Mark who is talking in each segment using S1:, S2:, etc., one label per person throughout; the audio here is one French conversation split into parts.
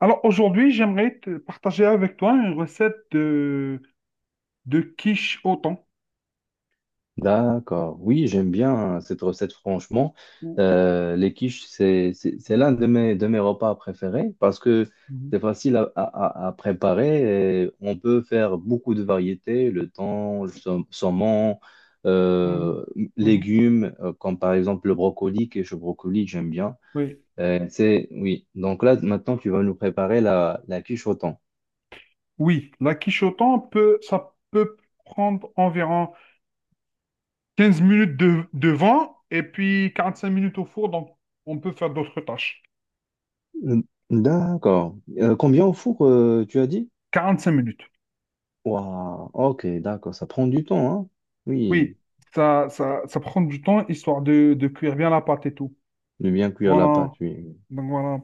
S1: Alors aujourd'hui, j'aimerais te partager avec toi une recette de quiche au thon.
S2: D'accord. Oui, j'aime bien cette recette, franchement.
S1: Ou-
S2: Les quiches, c'est l'un de mes repas préférés parce que
S1: Mhm,
S2: c'est facile à préparer et on peut faire beaucoup de variétés, le thon, le saumon,
S1: mhm,
S2: euh,
S1: mhm.
S2: légumes, comme par exemple le brocoli, quiche au brocoli, j'aime bien.
S1: Oui.
S2: Oui. Donc là, maintenant, tu vas nous préparer la quiche au thon.
S1: Oui, la quiche au thon peut, ça peut prendre environ 15 minutes de vent et puis 45 minutes au four, donc on peut faire d'autres tâches.
S2: D'accord. Combien au four, tu as dit?
S1: 45 minutes.
S2: Waouh, ok, d'accord, ça prend du temps, hein? Oui,
S1: Oui, ça prend du temps histoire de cuire bien la pâte et tout.
S2: de bien cuire la
S1: Voilà.
S2: pâte, oui.
S1: Donc voilà.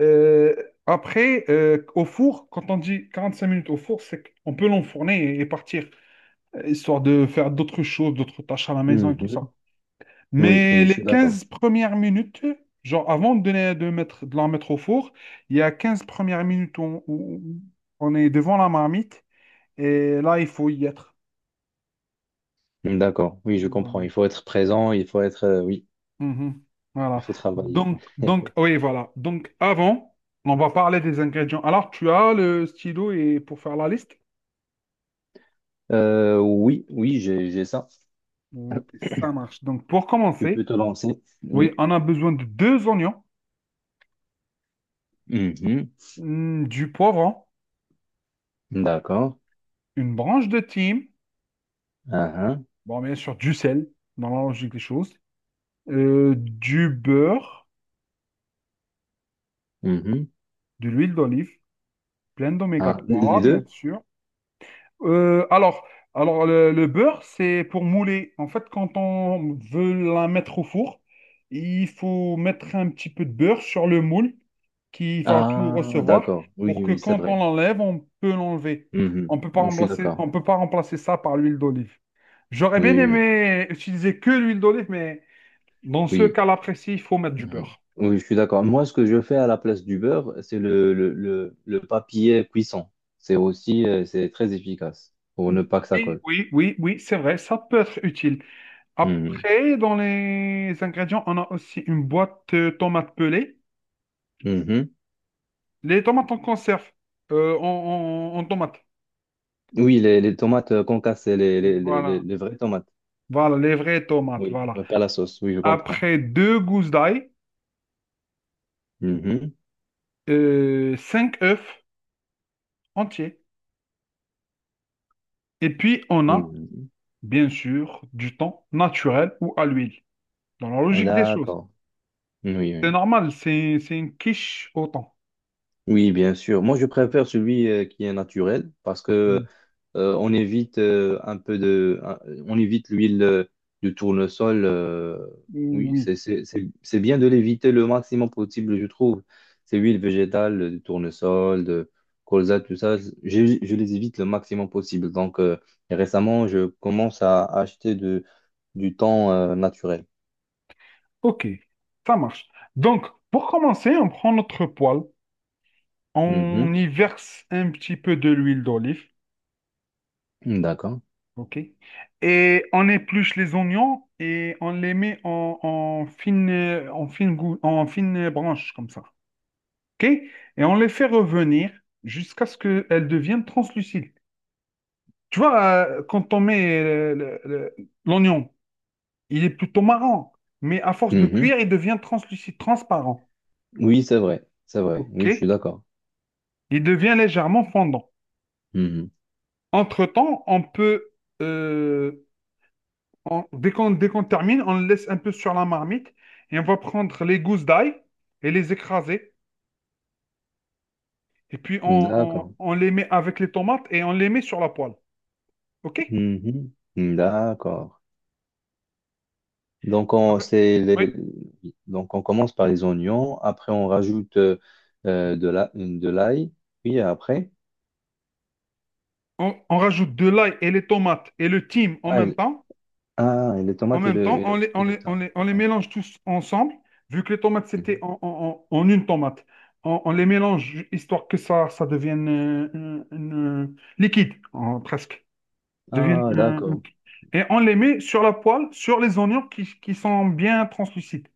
S1: Euh, après, au four, quand on dit 45 minutes au four, c'est qu'on peut l'enfourner et partir, histoire de faire d'autres choses, d'autres tâches à la maison et tout
S2: Mhm.
S1: ça.
S2: Oui,
S1: Mais
S2: oui, je suis
S1: les
S2: d'accord.
S1: 15 premières minutes, genre avant de la mettre au four, il y a 15 premières minutes où on est devant la marmite et là, il faut y être.
S2: D'accord, oui, je comprends.
S1: Voilà.
S2: Il faut être présent, il faut être, oui,
S1: Mhm.
S2: il
S1: Voilà.
S2: faut travailler.
S1: Donc, oui, voilà. Donc, avant, on va parler des ingrédients. Alors, tu as le stylo et pour faire la liste?
S2: Oui, oui, j'ai ça.
S1: Donc, ça marche. Donc, pour
S2: Tu peux
S1: commencer,
S2: te lancer.
S1: oui,
S2: Oui.
S1: on a besoin de deux oignons,
S2: Mhm.
S1: du poivron,
S2: D'accord.
S1: une branche de thym,
S2: Ah, ah.
S1: bon, bien sûr, du sel, dans la logique des choses, du beurre,
S2: Mhm.
S1: de l'huile d'olive, pleine d'oméga
S2: Ah,
S1: 3,
S2: les
S1: bien
S2: deux?
S1: sûr. Euh, alors, alors, le beurre, c'est pour mouler. En fait, quand on veut la mettre au four, il faut mettre un petit peu de beurre sur le moule qui va tout
S2: Ah,
S1: recevoir
S2: d'accord. Oui,
S1: pour que
S2: oui, c'est
S1: quand on
S2: vrai.
S1: l'enlève, on peut l'enlever.
S2: Mhm.
S1: On peut pas
S2: Oui, je suis
S1: remplacer,
S2: d'accord.
S1: on peut pas remplacer ça par l'huile d'olive. J'aurais
S2: Oui,
S1: bien
S2: oui,
S1: aimé utiliser que l'huile d'olive, mais dans ce
S2: oui.
S1: cas-là précis, il faut mettre du
S2: Mhm.
S1: beurre.
S2: Oui, je suis d'accord. Moi, ce que je fais à la place du beurre, c'est le papier cuisson. C'est très efficace pour ne pas que ça
S1: Oui,
S2: colle.
S1: oui, oui, oui, c'est vrai, ça peut être utile.
S2: Mhm.
S1: Après, dans les ingrédients, on a aussi une boîte tomate pelée.
S2: Mhm.
S1: Les tomates en conserve, en tomate.
S2: Oui, les tomates qu'on casse, c'est les, les, les, les-
S1: Voilà.
S2: les vraies tomates.
S1: Voilà, les vraies tomates,
S2: Oui,
S1: voilà.
S2: pas la sauce. Oui, je comprends.
S1: Après, deux gousses d'ail,
S2: Mhm.
S1: cinq œufs entiers. Et puis, on a,
S2: Mhm.
S1: bien sûr, du thon naturel ou à l'huile. Dans la logique des choses.
S2: D'accord. Oui,
S1: C'est
S2: oui.
S1: normal, c'est une quiche au thon.
S2: Oui, bien sûr. Moi, je préfère celui qui est naturel parce que
S1: Mm.
S2: on évite un peu de, un- on évite l'huile du tournesol. Oui,
S1: Oui,
S2: c'est bien de l'éviter le maximum possible, je trouve. Ces huiles végétales, du tournesol, de colza, tout ça, je les évite le maximum possible. Donc, et récemment, je commence à acheter du thon naturel.
S1: ok, ça marche. Donc, pour commencer, on prend notre poêle. On
S2: Mhm.
S1: y verse un petit peu de l'huile d'olive,
S2: D'accord.
S1: ok? Et on épluche les oignons et on les met en fine branche, comme ça, ok? Et on les fait revenir jusqu'à ce qu'elles deviennent translucides. Tu vois, quand on met l'oignon, il est plutôt marron, mais à force de
S2: Mhm.
S1: cuire, il devient translucide, transparent,
S2: Oui, c'est vrai, c'est vrai.
S1: ok?
S2: Oui, je suis d'accord.
S1: Il devient légèrement fondant. Entre-temps, on peut euh, on- dès qu'on termine, on le laisse un peu sur la marmite et on va prendre les gousses d'ail et les écraser. Et puis on, on-
S2: D'accord.
S1: on les met avec les tomates et on les met sur la poêle. OK?
S2: Mhm. D'accord. Donc on,
S1: Après-
S2: c'est
S1: oui.
S2: les. Donc on commence par les oignons, après on rajoute de l'ail, puis après,
S1: On rajoute de l'ail et les tomates et le thym en
S2: ah,
S1: même
S2: et,
S1: temps.
S2: ah, et les
S1: En
S2: tomates
S1: même temps, on les,
S2: et
S1: on
S2: le
S1: les, on
S2: thym.
S1: les, on les
S2: D'accord.
S1: mélange tous ensemble, vu que les tomates, c'était
S2: Mhm.
S1: en une tomate. On les mélange histoire que ça devienne liquide, presque. deviennent
S2: Ah,
S1: un- un-
S2: d'accord.
S1: Et on les met sur la poêle, sur les oignons qui sont bien translucides.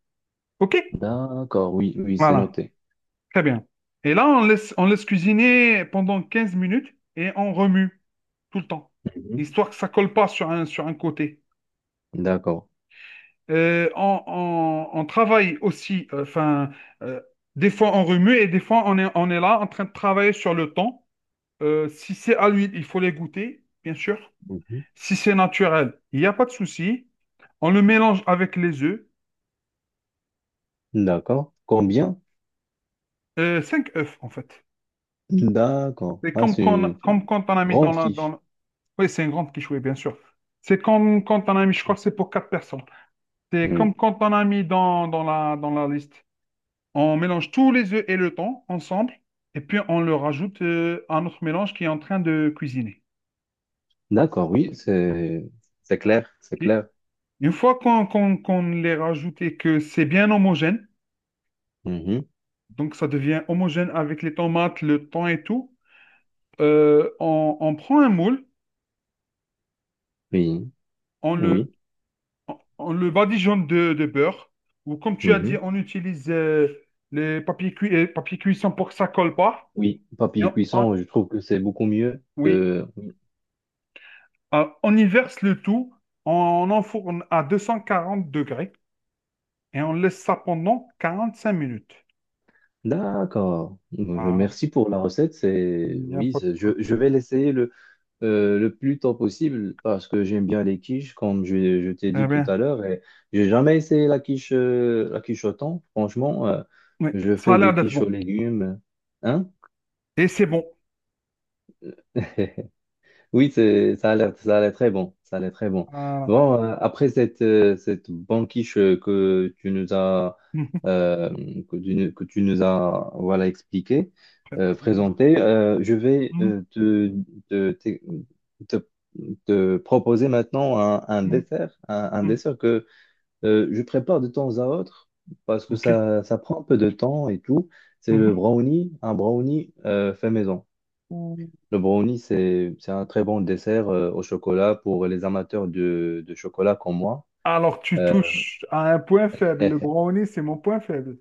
S1: OK?
S2: D'accord, oui, oui, c'est
S1: Voilà,
S2: noté.
S1: très bien. Et là, on laisse cuisiner pendant 15 minutes et on remue tout le temps,
S2: Mhm.
S1: histoire que ça colle pas sur un côté.
S2: D'accord.
S1: On travaille aussi, enfin, euh, des fois on remue et des fois on est là en train de travailler sur le temps. Si c'est à l'huile, il faut les goûter, bien sûr. Si c'est naturel, il n'y a pas de souci. On le mélange avec les œufs.
S2: Mhm. D'accord. Combien?
S1: Cinq œufs, en fait.
S2: D'accord.
S1: C'est
S2: Ah,
S1: comme
S2: c'est
S1: quand,
S2: une
S1: comme quand on a mis dans
S2: grande
S1: la...
S2: quiche.
S1: Oui, c'est une grande quichouée, bien sûr. C'est comme quand on a mis, je crois que c'est pour quatre personnes. C'est
S2: Oui.
S1: comme quand on a mis dans la liste. On mélange tous les œufs et le thon ensemble. Et puis, on le rajoute à notre mélange qui est en train de cuisiner.
S2: D'accord, oui, c'est clair, c'est
S1: Ok.
S2: clair.
S1: Une fois qu'on les rajoute et que c'est bien homogène,
S2: Mhm.
S1: donc ça devient homogène avec les tomates, le thon et tout. On prend un moule,
S2: Oui.
S1: on
S2: Oui,
S1: le, on le badigeonne de beurre, ou comme tu as dit,
S2: mhm,
S1: on utilise les papiers cuits et papier cuisson pour que ça colle pas.
S2: oui,
S1: Et
S2: papier cuisson, je trouve que c'est beaucoup mieux
S1: oui.
S2: que, oui.
S1: On y verse le tout, on enfourne à 240 degrés et on laisse ça pendant 45 minutes.
S2: D'accord.
S1: Voilà.
S2: Merci pour la recette.
S1: Il n'y a
S2: Oui,
S1: pas de quoi.
S2: je vais l'essayer le plus tôt possible parce que j'aime bien les quiches, comme je t'ai
S1: Eh
S2: dit tout
S1: bien,
S2: à l'heure. Et j'ai jamais essayé la quiche au thon. Franchement,
S1: oui,
S2: je
S1: ça a
S2: fais
S1: l'air
S2: des
S1: d'être
S2: quiches aux
S1: bon.
S2: légumes. Hein?
S1: Et c'est bon.
S2: Oui, ça a l'air très bon. Ça a l'air très bon.
S1: Voilà.
S2: Bon, après cette banquiche que tu nous as,
S1: Mhm.
S2: euh, voilà, expliqué,
S1: Préparé. Hein.
S2: présenté, je vais
S1: Mhm.
S2: te, te, te- te proposer maintenant un
S1: Mhm.
S2: dessert, un
S1: Mhm.
S2: dessert que je prépare de temps à autre parce que
S1: OK.
S2: ça prend un peu de temps et tout. C'est le brownie, un brownie fait maison.
S1: Mhm.
S2: Le brownie, c'est un très bon dessert au chocolat pour les amateurs de chocolat comme moi.
S1: Alors, tu
S2: Euh,
S1: touches à un point faible. Le brownie, c'est mon point faible.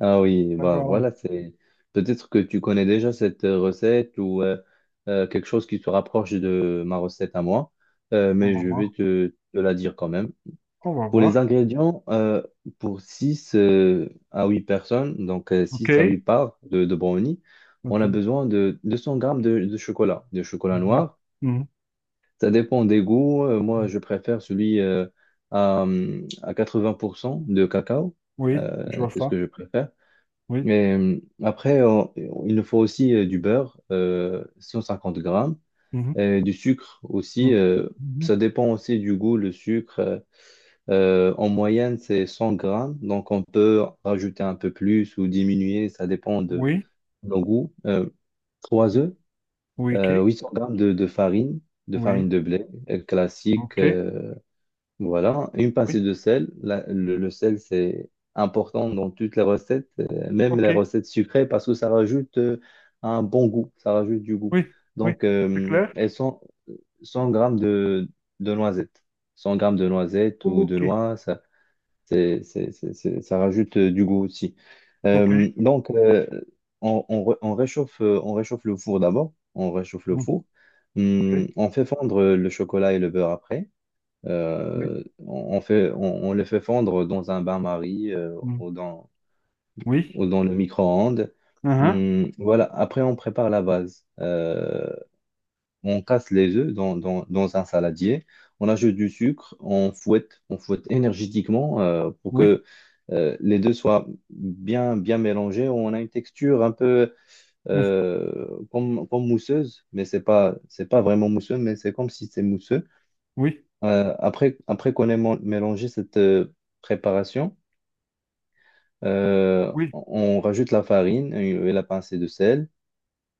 S2: ah oui, bah
S1: D'accord.
S2: voilà, c'est peut-être que tu connais déjà cette recette ou quelque chose qui se rapproche de ma recette à moi. Euh,
S1: On
S2: mais
S1: va
S2: je vais
S1: voir.
S2: te la dire quand même.
S1: On va
S2: Pour les
S1: voir.
S2: ingrédients, pour 6 à 8 personnes, donc
S1: OK.
S2: six à 8 parts de brownie, on
S1: OK.
S2: a besoin de 200 grammes de chocolat, de chocolat
S1: Mhm.
S2: noir.
S1: Mhm.
S2: Ça dépend des goûts. Moi
S1: Mhm.
S2: je préfère celui à 80% de cacao.
S1: Oui, je
S2: Euh,
S1: vois
S2: c'est ce
S1: ça.
S2: que je préfère.
S1: Oui.
S2: Et après, il nous faut aussi du beurre, 150 grammes,
S1: Mhm.
S2: et du sucre aussi.
S1: Mhm.
S2: euh,
S1: Mhm.
S2: ça dépend aussi du goût, le sucre. En moyenne, c'est 100 grammes. Donc, on peut rajouter un peu plus ou diminuer. Ça dépend de
S1: Oui.
S2: nos goûts. 3 œufs,
S1: Oui. OK.
S2: 800 grammes de farine, de farine
S1: Oui.
S2: de blé classique.
S1: OK.
S2: Voilà, une pincée
S1: Oui.
S2: de sel. Le sel, c'est important dans toutes les recettes, même les
S1: OK.
S2: recettes sucrées, parce que ça rajoute un bon goût, ça rajoute du goût.
S1: Oui. Oui.
S2: Donc,
S1: C'est clair?
S2: elles sont 100 grammes de noisettes. 100 grammes de noisettes ou de
S1: OK.
S2: noix, ça, c'est- ça rajoute du goût aussi.
S1: OK.
S2: Donc, on réchauffe le four d'abord. On réchauffe le
S1: Mhm.
S2: four. Hum,
S1: Oui.
S2: on fait fondre le chocolat et le beurre après.
S1: Oui.
S2: On les fait fondre dans un bain-marie
S1: Mhm. Oui.
S2: ou dans le micro-ondes.
S1: Mhm.
S2: Voilà, après on prépare la base. On casse les œufs dans un saladier, on ajoute du sucre, on fouette énergétiquement pour
S1: Oui.
S2: que les deux soient bien, bien mélangés. On a une texture un peu
S1: Mhm.
S2: comme mousseuse, mais c'est pas vraiment mousseux, mais c'est comme si c'est mousseux.
S1: Oui.
S2: Après qu'on ait mélangé cette préparation, euh,
S1: Oui.
S2: on on rajoute la farine et la pincée de sel.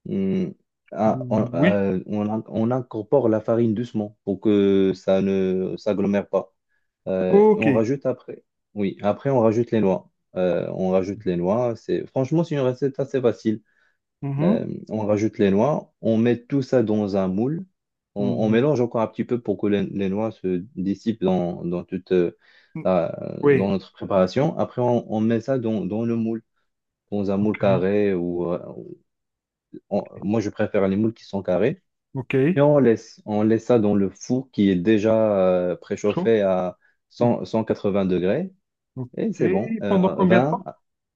S2: Hum, ah,
S1: Oui.
S2: on incorpore la farine doucement pour que ça ne s'agglomère pas. On
S1: OK.
S2: rajoute après. Oui, après on rajoute les noix. On rajoute les noix. C'est franchement c'est une recette assez facile.
S1: Mhm.
S2: On rajoute les noix, on met tout ça dans un moule, on
S1: Mhm.
S2: mélange encore un petit peu pour que les noix se dissipent dans
S1: Oui.
S2: notre préparation. Après, on met ça dans le moule, dans un moule
S1: OK.
S2: carré moi je préfère les moules qui sont carrés et
S1: OK.
S2: on laisse ça dans le four qui est déjà
S1: Chaud.
S2: préchauffé à cent cent quatre 180 degrés et
S1: Ok,
S2: c'est bon.
S1: pendant combien de
S2: 20,
S1: temps?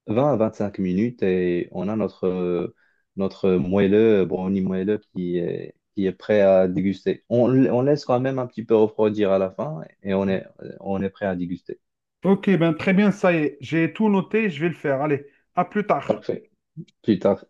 S2: 20 à 25 minutes et on a notre moelleux, brownie moelleux qui est prêt à déguster. On laisse quand même un petit peu refroidir à la fin et on est prêt à déguster.
S1: Ok, ben très bien, ça y est, j'ai tout noté, je vais le faire. Allez, à plus tard.
S2: Parfait. Plus tard.